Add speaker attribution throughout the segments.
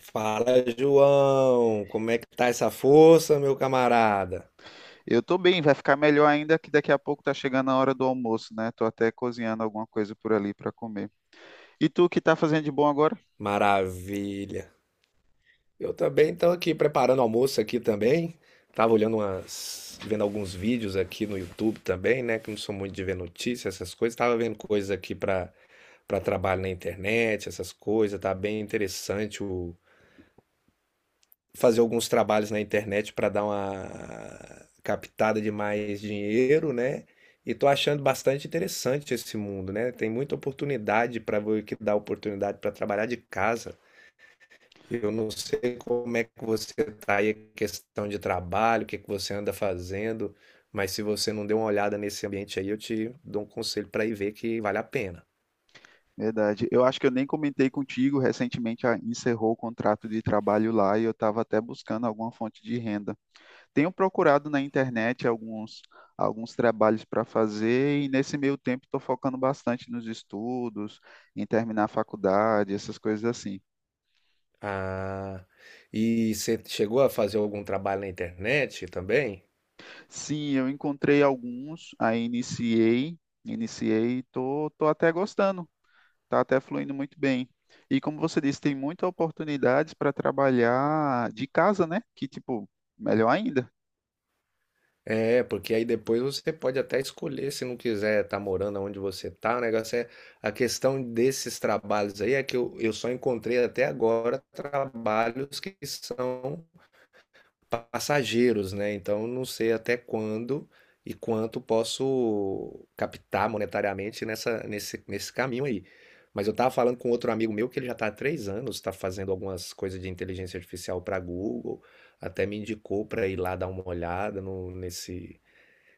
Speaker 1: Fala, João. Como é que tá essa força, meu camarada?
Speaker 2: Eu tô bem, vai ficar melhor ainda que daqui a pouco tá chegando a hora do almoço, né? Tô até cozinhando alguma coisa por ali para comer. E tu, o que tá fazendo de bom agora?
Speaker 1: Maravilha. Eu também estou aqui preparando almoço aqui também. Tava olhando vendo alguns vídeos aqui no YouTube também, né? Que não sou muito de ver notícias, essas coisas. Tava vendo coisas aqui para trabalho na internet, essas coisas. Tá bem interessante fazer alguns trabalhos na internet para dar uma captada de mais dinheiro, né? E tô achando bastante interessante esse mundo, né? Tem muita oportunidade para ver que dá oportunidade para trabalhar de casa. Eu não sei como é que você tá aí, questão de trabalho, o que que você anda fazendo, mas se você não deu uma olhada nesse ambiente aí, eu te dou um conselho para ir ver que vale a pena.
Speaker 2: Verdade. Eu acho que eu nem comentei contigo, recentemente A encerrou o contrato de trabalho lá e eu estava até buscando alguma fonte de renda. Tenho procurado na internet alguns trabalhos para fazer e nesse meio tempo estou focando bastante nos estudos, em terminar a faculdade, essas coisas assim.
Speaker 1: Ah, e você chegou a fazer algum trabalho na internet também?
Speaker 2: Sim, eu encontrei alguns, aí iniciei, tô até gostando, tá até fluindo muito bem. E como você disse, tem muitas oportunidades para trabalhar de casa, né? Que tipo, melhor ainda.
Speaker 1: É, porque aí depois você pode até escolher se não quiser estar morando onde você tá. O negócio é a questão desses trabalhos aí é que eu só encontrei até agora trabalhos que são passageiros, né? Então eu não sei até quando e quanto posso captar monetariamente nesse caminho aí. Mas eu tava falando com outro amigo meu que ele já tá há 3 anos, tá fazendo algumas coisas de inteligência artificial para Google, até me indicou para ir lá dar uma olhada no- nesse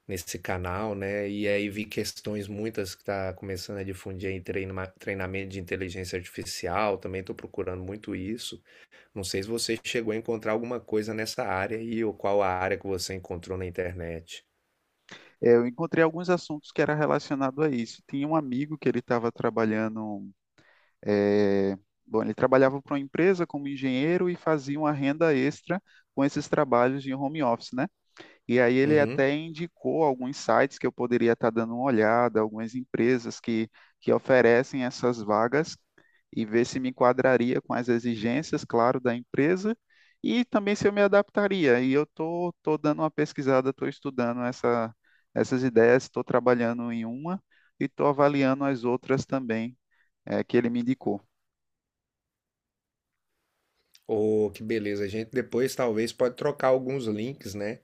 Speaker 1: nesse canal, né? E aí vi questões muitas que está começando a difundir aí treinamento de inteligência artificial, também estou procurando muito isso. Não sei se você chegou a encontrar alguma coisa nessa área e ou qual a área que você encontrou na internet.
Speaker 2: É, eu encontrei alguns assuntos que era relacionado a isso. Tinha um amigo que ele estava trabalhando, é, bom, ele trabalhava para uma empresa como engenheiro e fazia uma renda extra com esses trabalhos de home office, né? E aí ele
Speaker 1: Uhum.
Speaker 2: até indicou alguns sites que eu poderia estar dando uma olhada, algumas empresas que oferecem essas vagas e ver se me enquadraria com as exigências, claro, da empresa e também se eu me adaptaria. E eu tô dando uma pesquisada, estou estudando essas ideias, estou trabalhando em uma e estou avaliando as outras também, que ele me indicou,
Speaker 1: Oh, que beleza. A gente depois talvez pode trocar alguns links, né?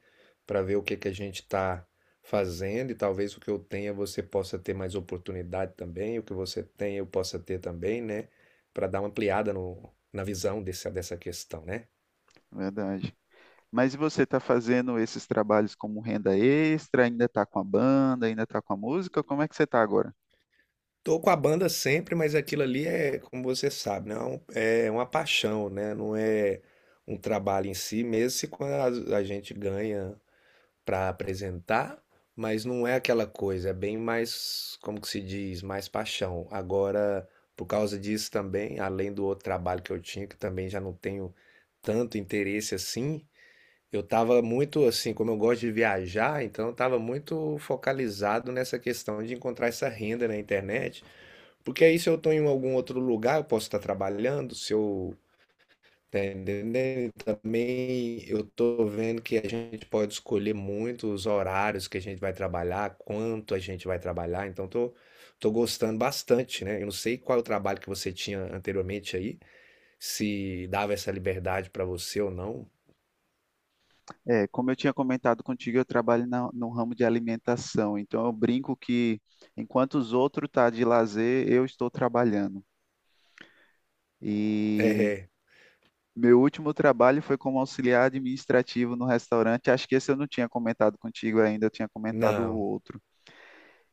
Speaker 1: Para ver o que que a gente está fazendo e talvez o que eu tenha você possa ter mais oportunidade também, o que você tem eu possa ter também, né? Para dar uma ampliada no, na visão dessa questão, né?
Speaker 2: verdade. Mas e você está fazendo esses trabalhos como renda extra? Ainda está com a banda? Ainda está com a música? Como é que você está agora?
Speaker 1: Tô com a banda sempre, mas aquilo ali é, como você sabe, não é um- é uma paixão, né? Não é um trabalho em si, mesmo se quando a gente ganha para apresentar, mas não é aquela coisa, é bem mais, como que se diz, mais paixão. Agora, por causa disso também, além do outro trabalho que eu tinha, que também já não tenho tanto interesse assim, eu estava muito assim, como eu gosto de viajar, então eu estava muito focalizado nessa questão de encontrar essa renda na internet, porque aí se eu estou em algum outro lugar, eu posso estar trabalhando, se eu tá entendendo? E também eu tô vendo que a gente pode escolher muito os horários que a gente vai trabalhar, quanto a gente vai trabalhar, então tô gostando bastante, né? Eu não sei qual é o trabalho que você tinha anteriormente aí, se dava essa liberdade pra você ou não.
Speaker 2: É, como eu tinha comentado contigo, eu trabalho no ramo de alimentação. Então eu brinco que enquanto os outros estão tá de lazer, eu estou trabalhando. E
Speaker 1: É,
Speaker 2: meu último trabalho foi como auxiliar administrativo no restaurante. Acho que esse eu não tinha comentado contigo ainda, eu tinha comentado o
Speaker 1: não.
Speaker 2: outro.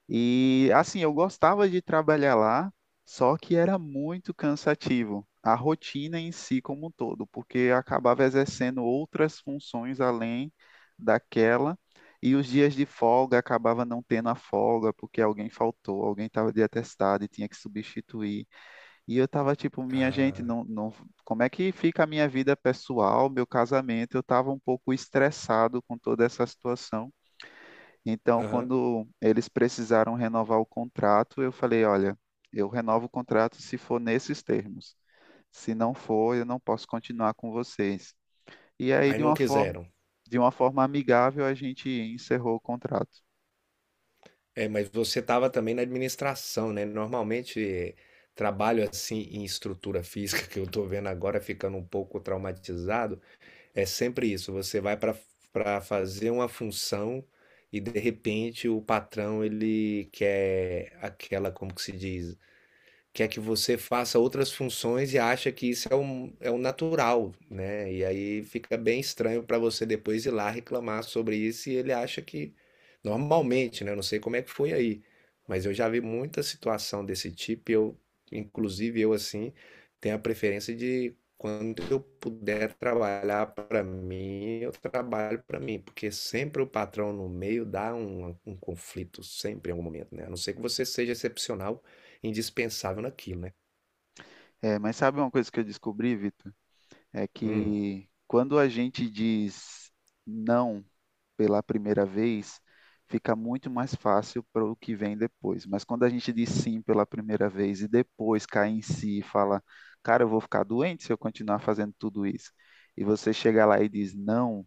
Speaker 2: E assim, eu gostava de trabalhar lá, só que era muito cansativo. A rotina em si como um todo, porque eu acabava exercendo outras funções além daquela, e os dias de folga acabava não tendo a folga, porque alguém faltou, alguém estava de atestado e tinha que substituir. E eu estava tipo, minha gente,
Speaker 1: Ah,
Speaker 2: não, não, como é que fica a minha vida pessoal, meu casamento? Eu estava um pouco estressado com toda essa situação. Então,
Speaker 1: aham.
Speaker 2: quando eles precisaram renovar o contrato, eu falei: olha, eu renovo o contrato se for nesses termos. Se não for, eu não posso continuar com vocês. E aí,
Speaker 1: Aí não quiseram.
Speaker 2: de uma forma amigável, a gente encerrou o contrato.
Speaker 1: É, mas você estava também na administração, né? Normalmente, trabalho assim em estrutura física, que eu tô vendo agora ficando um pouco traumatizado. É sempre isso. Você vai para fazer uma função e de repente o patrão ele quer aquela, como que se diz? Quer que você faça outras funções e acha que isso é um natural, né? E aí fica bem estranho para você depois ir lá reclamar sobre isso e ele acha que normalmente, né? Eu não sei como é que foi aí, mas eu já vi muita situação desse tipo. E eu, inclusive eu assim, tenho a preferência de quando eu puder trabalhar para mim, eu trabalho para mim, porque sempre o patrão no meio dá um conflito, sempre em algum momento, né? A não ser que você seja excepcional, indispensável naquilo, né?
Speaker 2: É, mas sabe uma coisa que eu descobri, Vitor? É
Speaker 1: Hum,
Speaker 2: que quando a gente diz não pela primeira vez, fica muito mais fácil para o que vem depois. Mas quando a gente diz sim pela primeira vez e depois cai em si e fala, cara, eu vou ficar doente se eu continuar fazendo tudo isso, e você chega lá e diz não,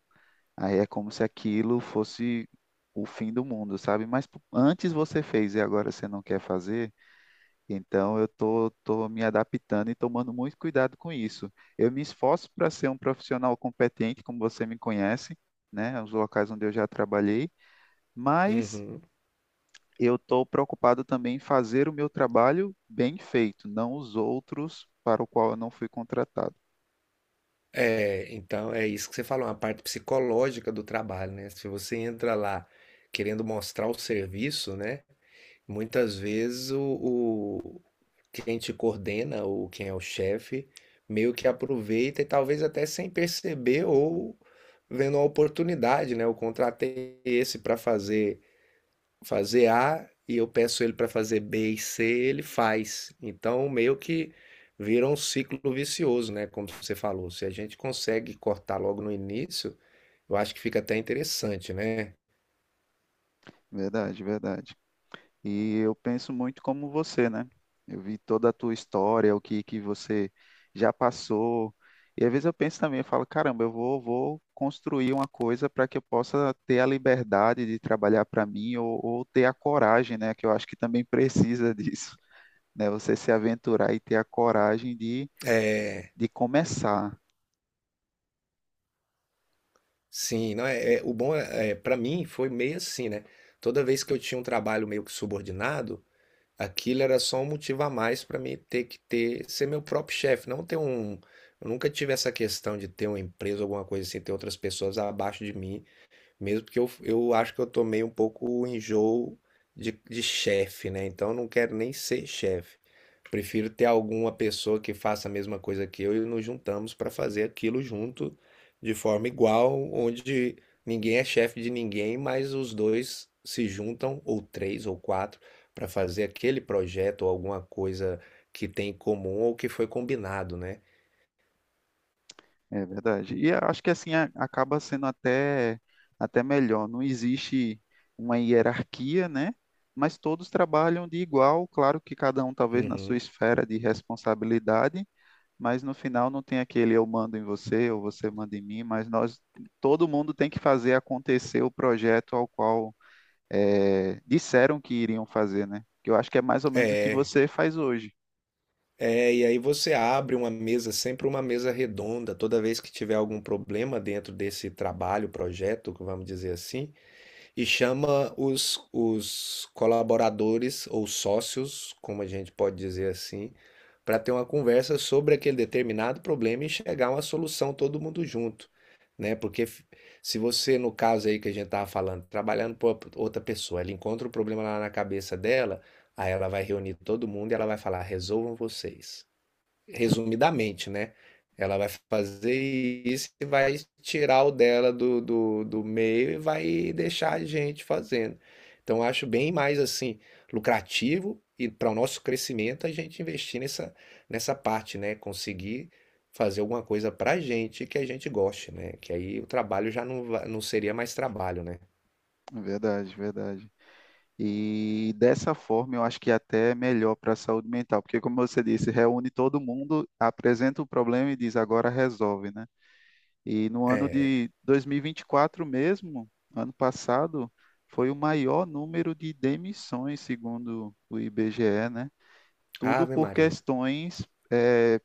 Speaker 2: aí é como se aquilo fosse o fim do mundo, sabe? Mas antes você fez e agora você não quer fazer. Então, eu tô me adaptando e tomando muito cuidado com isso. Eu me esforço para ser um profissional competente, como você me conhece, né? Os locais onde eu já trabalhei, mas
Speaker 1: uhum.
Speaker 2: eu estou preocupado também em fazer o meu trabalho bem feito, não os outros para o qual eu não fui contratado.
Speaker 1: É, então é isso que você falou, uma parte psicológica do trabalho, né? Se você entra lá querendo mostrar o serviço, né? Muitas vezes quem te coordena ou quem é o chefe meio que aproveita e talvez até sem perceber ou vendo a oportunidade, né? Eu contratei esse para fazer A e eu peço ele para fazer B e C, ele faz. Então, meio que vira um ciclo vicioso, né? Como você falou, se a gente consegue cortar logo no início, eu acho que fica até interessante, né?
Speaker 2: Verdade, verdade. E eu penso muito como você, né? Eu vi toda a tua história, o que que você já passou. E às vezes eu penso também, eu falo, caramba, eu vou construir uma coisa para que eu possa ter a liberdade de trabalhar para mim ou ter a coragem, né? Que eu acho que também precisa disso, né? Você se aventurar e ter a coragem de começar.
Speaker 1: Sim, não o bom é para mim foi meio assim, né? Toda vez que eu tinha um trabalho meio que subordinado, aquilo era só um motivo a mais para mim ter que ter ser meu próprio chefe, não ter um. Eu nunca tive essa questão de ter uma empresa, alguma coisa assim, ter outras pessoas abaixo de mim. Mesmo que eu, acho que eu tomei um pouco o enjoo de chefe, né? Então eu não quero nem ser chefe. Prefiro ter alguma pessoa que faça a mesma coisa que eu e nos juntamos para fazer aquilo junto de forma igual, onde ninguém é chefe de ninguém, mas os dois se juntam, ou três ou quatro, para fazer aquele projeto ou alguma coisa que tem em comum ou que foi combinado, né?
Speaker 2: É verdade. E eu acho que assim acaba sendo até melhor. Não existe uma hierarquia, né? Mas todos trabalham de igual, claro que cada um talvez na sua
Speaker 1: Uhum.
Speaker 2: esfera de responsabilidade, mas no final não tem aquele eu mando em você ou você manda em mim, mas nós, todo mundo tem que fazer acontecer o projeto ao qual disseram que iriam fazer, né? Que eu acho que é mais ou menos o
Speaker 1: É,
Speaker 2: que você faz hoje.
Speaker 1: É, e aí você abre uma mesa, sempre uma mesa redonda, toda vez que tiver algum problema dentro desse trabalho, projeto, vamos dizer assim, e chama os colaboradores ou sócios, como a gente pode dizer assim, para ter uma conversa sobre aquele determinado problema e chegar a uma solução todo mundo junto, né? Porque se você, no caso aí que a gente estava falando, trabalhando para outra pessoa, ela encontra o problema lá na cabeça dela, aí ela vai reunir todo mundo e ela vai falar, resolvam vocês, resumidamente, né? Ela vai fazer isso e vai tirar o dela do meio e vai deixar a gente fazendo. Então, eu acho bem mais assim lucrativo e para o nosso crescimento a gente investir nessa parte, né? Conseguir fazer alguma coisa para a gente que a gente goste, né? Que aí o trabalho já não, não seria mais trabalho, né?
Speaker 2: Verdade, verdade. E dessa forma, eu acho que até é melhor para a saúde mental, porque, como você disse, reúne todo mundo, apresenta o problema e diz agora resolve, né? E no ano
Speaker 1: É,
Speaker 2: de 2024 mesmo, ano passado, foi o maior número de demissões, segundo o IBGE, né? Tudo
Speaker 1: Ave
Speaker 2: por
Speaker 1: Maria.
Speaker 2: questões, eh,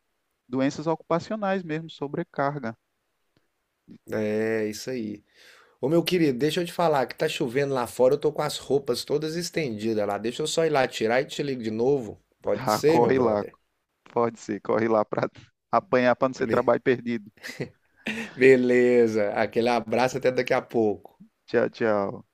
Speaker 2: doenças ocupacionais mesmo, sobrecarga.
Speaker 1: É isso aí. Ô meu querido, deixa eu te falar que tá chovendo lá fora, eu tô com as roupas todas estendidas lá. Deixa eu só ir lá tirar e te ligo de novo. Pode
Speaker 2: Tá,
Speaker 1: ser, meu
Speaker 2: corre lá,
Speaker 1: brother?
Speaker 2: pode ser, corre lá para apanhar para não ser
Speaker 1: Be-
Speaker 2: trabalho perdido.
Speaker 1: Beleza, aquele abraço até daqui a pouco.
Speaker 2: Tchau, tchau.